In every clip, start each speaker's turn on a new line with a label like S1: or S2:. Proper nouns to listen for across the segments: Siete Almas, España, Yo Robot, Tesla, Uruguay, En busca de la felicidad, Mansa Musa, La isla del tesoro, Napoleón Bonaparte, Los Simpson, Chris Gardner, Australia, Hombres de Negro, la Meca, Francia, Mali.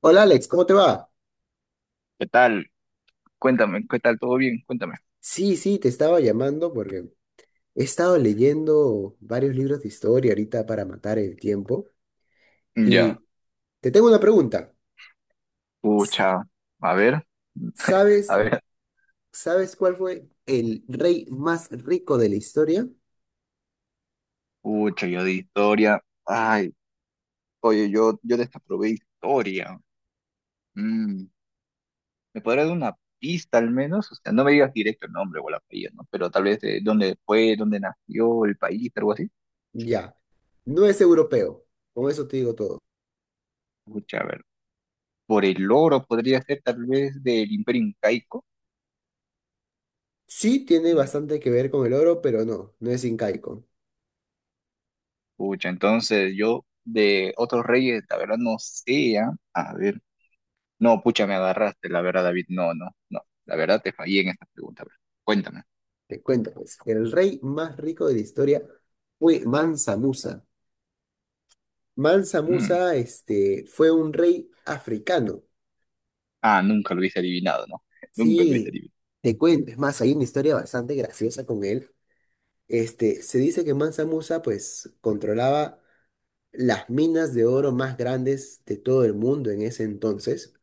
S1: Hola Alex, ¿cómo te va?
S2: ¿Qué tal? Cuéntame, ¿qué tal? ¿Todo bien? Cuéntame.
S1: Sí, sí, te estaba llamando porque he estado leyendo varios libros de historia ahorita para matar el tiempo
S2: Ya.
S1: y te tengo una pregunta. S-
S2: Pucha. A ver, a
S1: ¿Sabes,
S2: ver.
S1: sabes cuál fue el rey más rico de la historia?
S2: Pucha, yo de historia. Ay, oye, yo desaprobé historia. Mm, ¿Me podrás dar una pista al menos? O sea, no me digas directo el nombre o la apellido, ¿no? Pero tal vez de dónde fue, dónde nació, el país, algo así.
S1: Ya, no es europeo, con eso te digo todo.
S2: Pucha, a ver. Por el oro podría ser tal vez del Imperio Incaico.
S1: Sí, tiene
S2: Mm,
S1: bastante que ver con el oro, pero no, no es incaico.
S2: Pucha, entonces yo de otros reyes, la verdad no sé, ¿ah? A ver. No, pucha, me agarraste, la verdad, David. No, no, no. La verdad te fallé en esta pregunta, bro. Cuéntame.
S1: Te cuento pues, el rey más rico de la historia fue Mansa Musa Mansa
S2: Mm.
S1: Musa, fue un rey africano.
S2: Ah, nunca lo hubiese adivinado, ¿no? Nunca lo hubiese
S1: Sí,
S2: adivinado.
S1: te cuento. Es más, hay una historia bastante graciosa con él. Se dice que Mansa Musa, pues, controlaba las minas de oro más grandes de todo el mundo en ese entonces.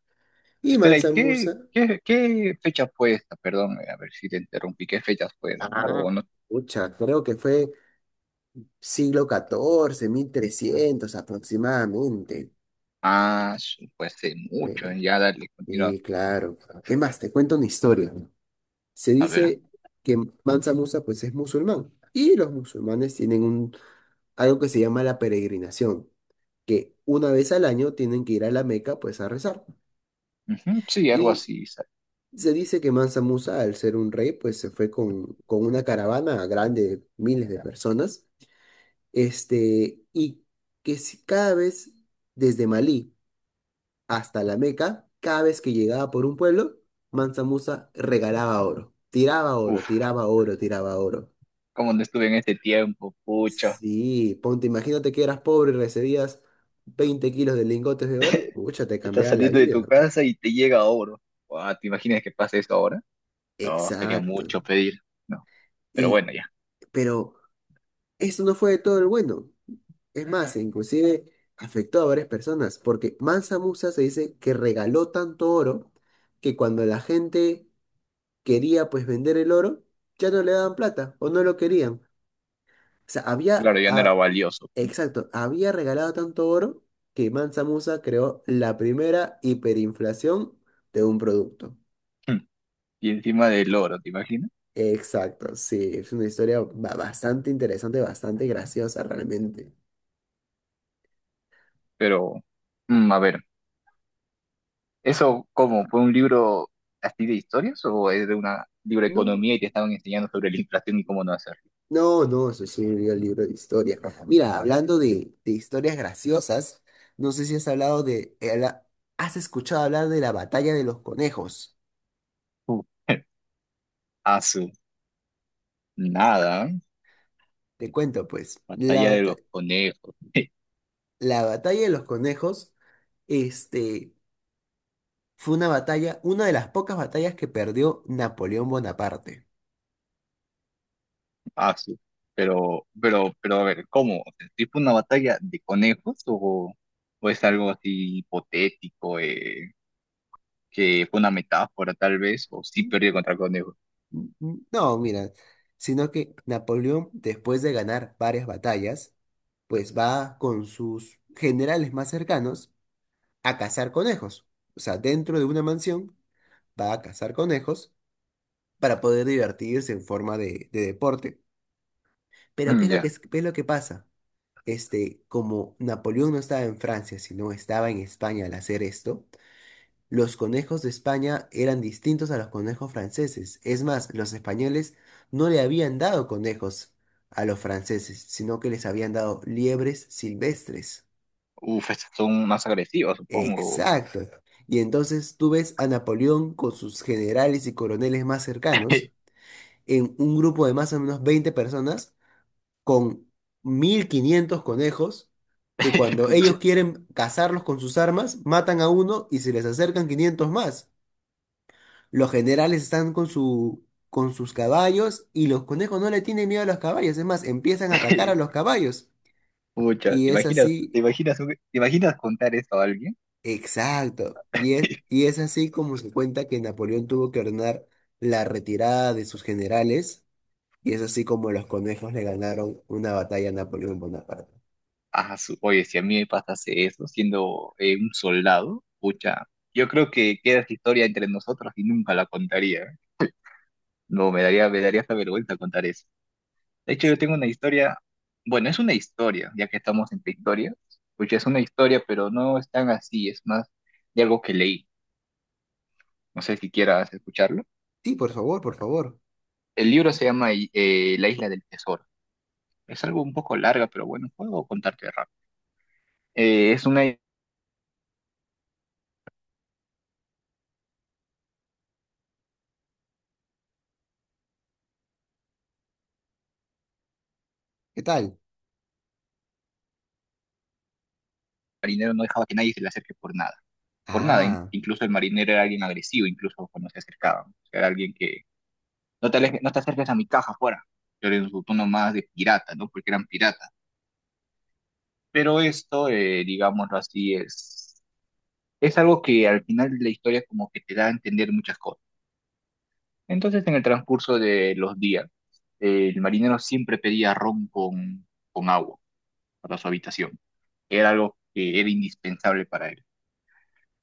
S1: Y
S2: Espera, ¿y
S1: Mansa
S2: qué,
S1: Musa,
S2: qué, qué fecha fue esta? Perdón, a ver si te interrumpí. ¿Qué fechas fueron?
S1: Ah,
S2: O no.
S1: pucha, creo que fue siglo XIV, 1300 aproximadamente.
S2: Ah, fue hace mucho.
S1: Eh,
S2: Ya, dale, continúa.
S1: Sí, claro. ¿Qué más? Te cuento una historia. Se
S2: A ver.
S1: dice que Mansa Musa pues es musulmán y los musulmanes tienen algo que se llama la peregrinación, que una vez al año tienen que ir a la Meca pues a rezar.
S2: Ujú. Sí, algo
S1: Y
S2: así.
S1: se dice que Mansa Musa al ser un rey pues se fue con una caravana grande de miles de personas, y que si cada vez desde Malí hasta la Meca, cada vez que llegaba por un pueblo, Mansa Musa regalaba oro, tiraba oro,
S2: Uf,
S1: tiraba oro, tiraba oro.
S2: cómo no estuve en este tiempo, pucha.
S1: Sí, ponte, imagínate que eras pobre y recibías 20 kilos de lingotes de oro, pucha, te
S2: Estás
S1: cambiaba la
S2: saliendo de
S1: vida.
S2: tu casa y te llega oro. Guau, ¿te imaginas que pase eso ahora? No, sería
S1: Exacto.
S2: mucho pedir. No, pero
S1: Y,
S2: bueno, ya.
S1: pero eso no fue de todo el bueno. Es más, inclusive afectó a varias personas, porque Mansa Musa se dice que regaló tanto oro que cuando la gente quería pues vender el oro, ya no le daban plata o no lo querían. O sea, había,
S2: Claro, ya no era valioso, pues.
S1: exacto, había regalado tanto oro que Mansa Musa creó la primera hiperinflación de un producto.
S2: Y encima del oro, ¿te imaginas?
S1: Exacto, sí, es una historia bastante interesante, bastante graciosa realmente.
S2: Pero, a ver, ¿eso cómo? ¿Fue un libro así de historias o es de una libro de
S1: No,
S2: economía y te estaban enseñando sobre la inflación y cómo no hacerlo?
S1: no, no, eso sí, un libro de historia. Mira, hablando de historias graciosas, no sé si has hablado de, has escuchado hablar de la batalla de los conejos.
S2: Uh. Asu, nada, ¿eh?
S1: Te cuento, pues,
S2: Batalla de los conejos.
S1: la batalla de los conejos, este... Fue una batalla, una de las pocas batallas que perdió Napoleón Bonaparte.
S2: Asu. Pero a ver, ¿cómo? O sea, ¿sí fue una batalla de conejos o es algo así hipotético, que fue una metáfora tal vez, o sí
S1: Mm,
S2: perdió contra conejos?
S1: mm, mm. No, mira, sino que Napoleón, después de ganar varias batallas, pues va con sus generales más cercanos a cazar conejos. O sea, dentro de una mansión va a cazar conejos para poder divertirse en forma de deporte. Pero ¿qué es lo que,
S2: Ya.
S1: es qué es lo que pasa? Como Napoleón no estaba en Francia, sino estaba en España al hacer esto, los conejos de España eran distintos a los conejos franceses. Es más, los españoles no le habían dado conejos a los franceses, sino que les habían dado liebres silvestres.
S2: Uf, estas son más agresivos, supongo.
S1: Exacto. Y entonces tú ves a Napoleón con sus generales y coroneles más cercanos en un grupo de más o menos 20 personas con 1500 conejos que cuando
S2: Pucha.
S1: ellos quieren cazarlos con sus armas, matan a uno y se les acercan 500 más. Los generales están con con sus caballos y los conejos no le tienen miedo a los caballos. Es más, empiezan a atacar a los caballos.
S2: Pucha,
S1: Y es así,
S2: te imaginas contar eso a alguien?
S1: exacto. Y es así como se cuenta que Napoleón tuvo que ordenar la retirada de sus generales. Y es así como los conejos le ganaron una batalla a Napoleón Bonaparte.
S2: Ah, oye, si a mí me pasase eso siendo un soldado, pucha, yo creo que queda esta historia entre nosotros y nunca la contaría, ¿eh? No, me daría hasta vergüenza contar eso. De hecho, yo tengo una historia, bueno, es una historia, ya que estamos en Victoria, pucha, es una historia, pero no es tan así, es más de algo que leí. No sé si quieras escucharlo.
S1: Sí, por favor, por favor.
S2: El libro se llama La isla del tesoro. Es algo un poco larga, pero bueno, puedo contarte rápido. Es una
S1: ¿Qué tal?
S2: marinero no dejaba que nadie se le acerque por nada. Por nada,
S1: Ah.
S2: incluso el marinero era alguien agresivo, incluso cuando se acercaban. O sea, era alguien que no te acerques a mi caja fuera. Pero en su tono más de pirata, ¿no? Porque eran piratas. Pero esto, digámoslo así, es algo que al final de la historia como que te da a entender muchas cosas. Entonces, en el transcurso de los días, el marinero siempre pedía ron con, agua para su habitación. Era algo que era indispensable para él.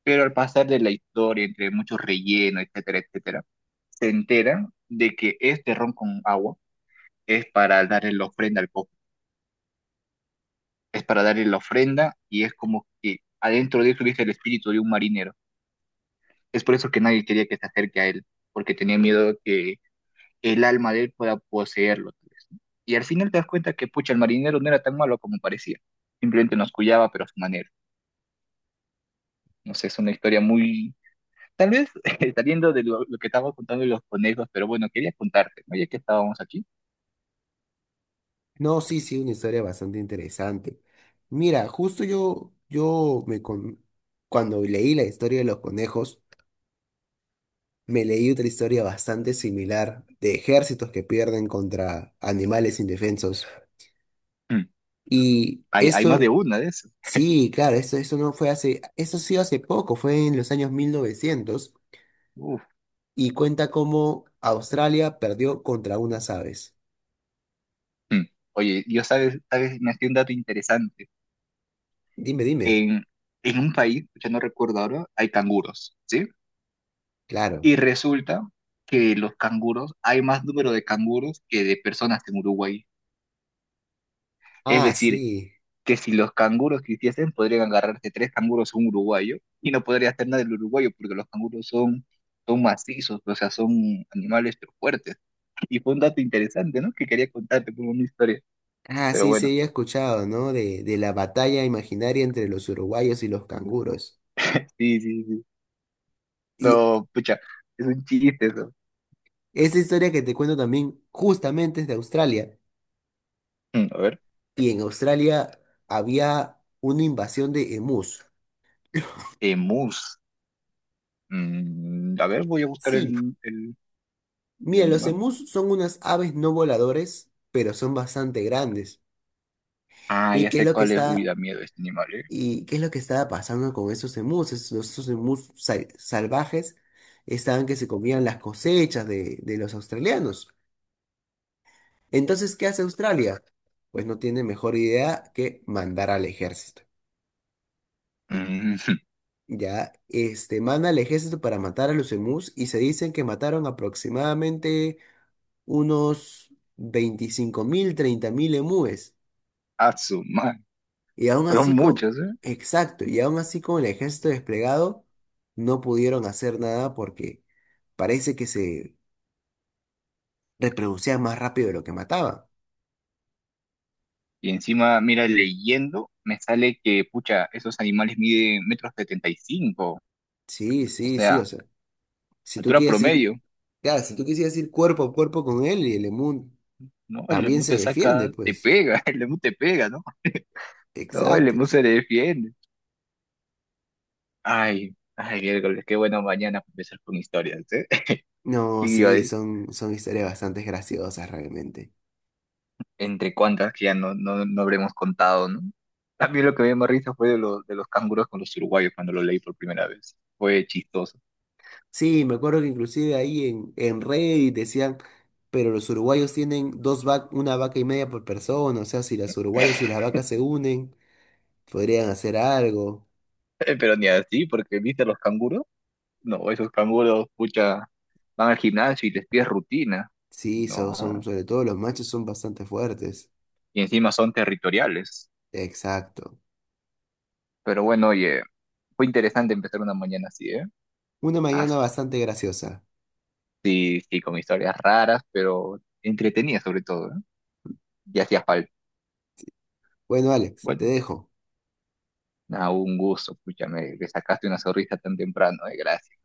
S2: Pero al pasar de la historia, entre muchos rellenos, etcétera, etcétera, se enteran de que este ron con agua es para darle la ofrenda al cofre, es para darle la ofrenda y es como que adentro de eso hubiese el espíritu de un marinero. Es por eso que nadie quería que se acerque a él, porque tenía miedo que el alma de él pueda poseerlo, tal vez, ¿no? Y al final te das cuenta que, pucha, el marinero no era tan malo como parecía. Simplemente nos cuidaba, pero a su manera. No sé, es una historia muy. Tal vez saliendo de lo que estábamos contando de los conejos, pero bueno, quería contarte, ¿no? Ya que estábamos aquí.
S1: No, sí, sí, una historia bastante interesante. Mira, justo yo cuando leí la historia de los conejos, me leí otra historia bastante similar de ejércitos que pierden contra animales indefensos.
S2: Mm,
S1: Y
S2: hay más de una de eso.
S1: sí, claro, esto no fue hace, esto sí hace poco, fue en los años 1900
S2: Uf.
S1: y cuenta cómo Australia perdió contra unas aves.
S2: Mm. Oye, sabes, me hacía un dato interesante.
S1: Dime, dime.
S2: En, en un país, ya no recuerdo ahora, hay canguros, ¿sí?
S1: Claro.
S2: Y resulta que los canguros, hay más número de canguros que de personas en Uruguay. Es
S1: Ah,
S2: decir,
S1: sí.
S2: que si los canguros quisiesen, podrían agarrarse tres canguros a un uruguayo y no podría hacer nada el uruguayo porque los canguros son macizos, o sea, son animales pero fuertes. Y fue un dato interesante, ¿no? Que quería contarte como una historia.
S1: Ah,
S2: Pero
S1: sí, se
S2: bueno,
S1: había escuchado, ¿no? De la batalla imaginaria entre los uruguayos y los canguros.
S2: sí, sí, sí.
S1: Y
S2: No, pucha, es un chiste eso.
S1: esa historia que te cuento también justamente es de Australia.
S2: A ver,
S1: Y en Australia había una invasión de emus.
S2: emus. A ver, voy a buscar
S1: Sí,
S2: el,
S1: mira, los
S2: animal.
S1: emus son unas aves no voladores, pero son bastante grandes.
S2: Ah,
S1: ¿Y
S2: ya
S1: qué es
S2: sé
S1: lo que
S2: cuál es. Uy, da
S1: está,
S2: miedo este animal, ¿eh?
S1: y qué es lo que estaba pasando con esos emus? Esos emus salvajes estaban que se comían las cosechas de los australianos. Entonces, ¿qué hace Australia? Pues no tiene mejor idea que mandar al ejército.
S2: Mm,
S1: Ya, manda al ejército para matar a los emús y se dicen que mataron aproximadamente unos 25.000, 30.000 emúes.
S2: a su madre.
S1: Y aún
S2: Son
S1: así con,
S2: muchos, ¿eh?
S1: exacto, y aún así con el ejército desplegado, no pudieron hacer nada porque parece que se reproducían más rápido de lo que mataban.
S2: Y encima, mira, leyendo, me sale que, pucha, esos animales miden metros 75,
S1: Sí,
S2: o
S1: sí, sí, o
S2: sea,
S1: sea, Si tú
S2: altura
S1: quieres ir,
S2: promedio,
S1: claro, si tú quisieras ir cuerpo a cuerpo con él y el Emun
S2: ¿no? El
S1: también
S2: lemur
S1: se
S2: te
S1: defiende,
S2: saca, te
S1: pues.
S2: pega, el lemur te pega, ¿no? No, el
S1: Exacto,
S2: lemur
S1: exacto.
S2: se defiende. Ay, ay, miércoles, qué bueno mañana para empezar con historias, ¿eh?
S1: No,
S2: ¿Qué iba a
S1: sí,
S2: decir?
S1: son historias bastante graciosas realmente.
S2: Entre cuantas que ya no habremos contado, ¿no? A mí lo que me dio más risa fue de los canguros con los uruguayos cuando lo leí por primera vez. Fue chistoso.
S1: Sí, me acuerdo que inclusive ahí en Reddit decían, pero los uruguayos tienen dos vac una vaca y media por persona, o sea, si los uruguayos y las vacas se unen, podrían hacer algo.
S2: Pero ni así, porque viste a los canguros. No, esos canguros, pucha, van al gimnasio y les pides rutina.
S1: Sí,
S2: No,
S1: sobre todo los machos son bastante fuertes.
S2: y encima son territoriales.
S1: Exacto.
S2: Pero bueno, oye, fue interesante empezar una mañana así, ¿eh?
S1: Una
S2: Ah,
S1: mañana bastante graciosa.
S2: sí, sí, con historias raras, pero entretenidas sobre todo, ¿eh? Y hacía falta.
S1: Bueno, Alex, te
S2: Bueno,
S1: dejo.
S2: nada, un gusto, pucha, me sacaste una sonrisa tan temprano, ¿eh? Gracias.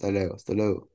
S1: Hasta luego, hasta luego.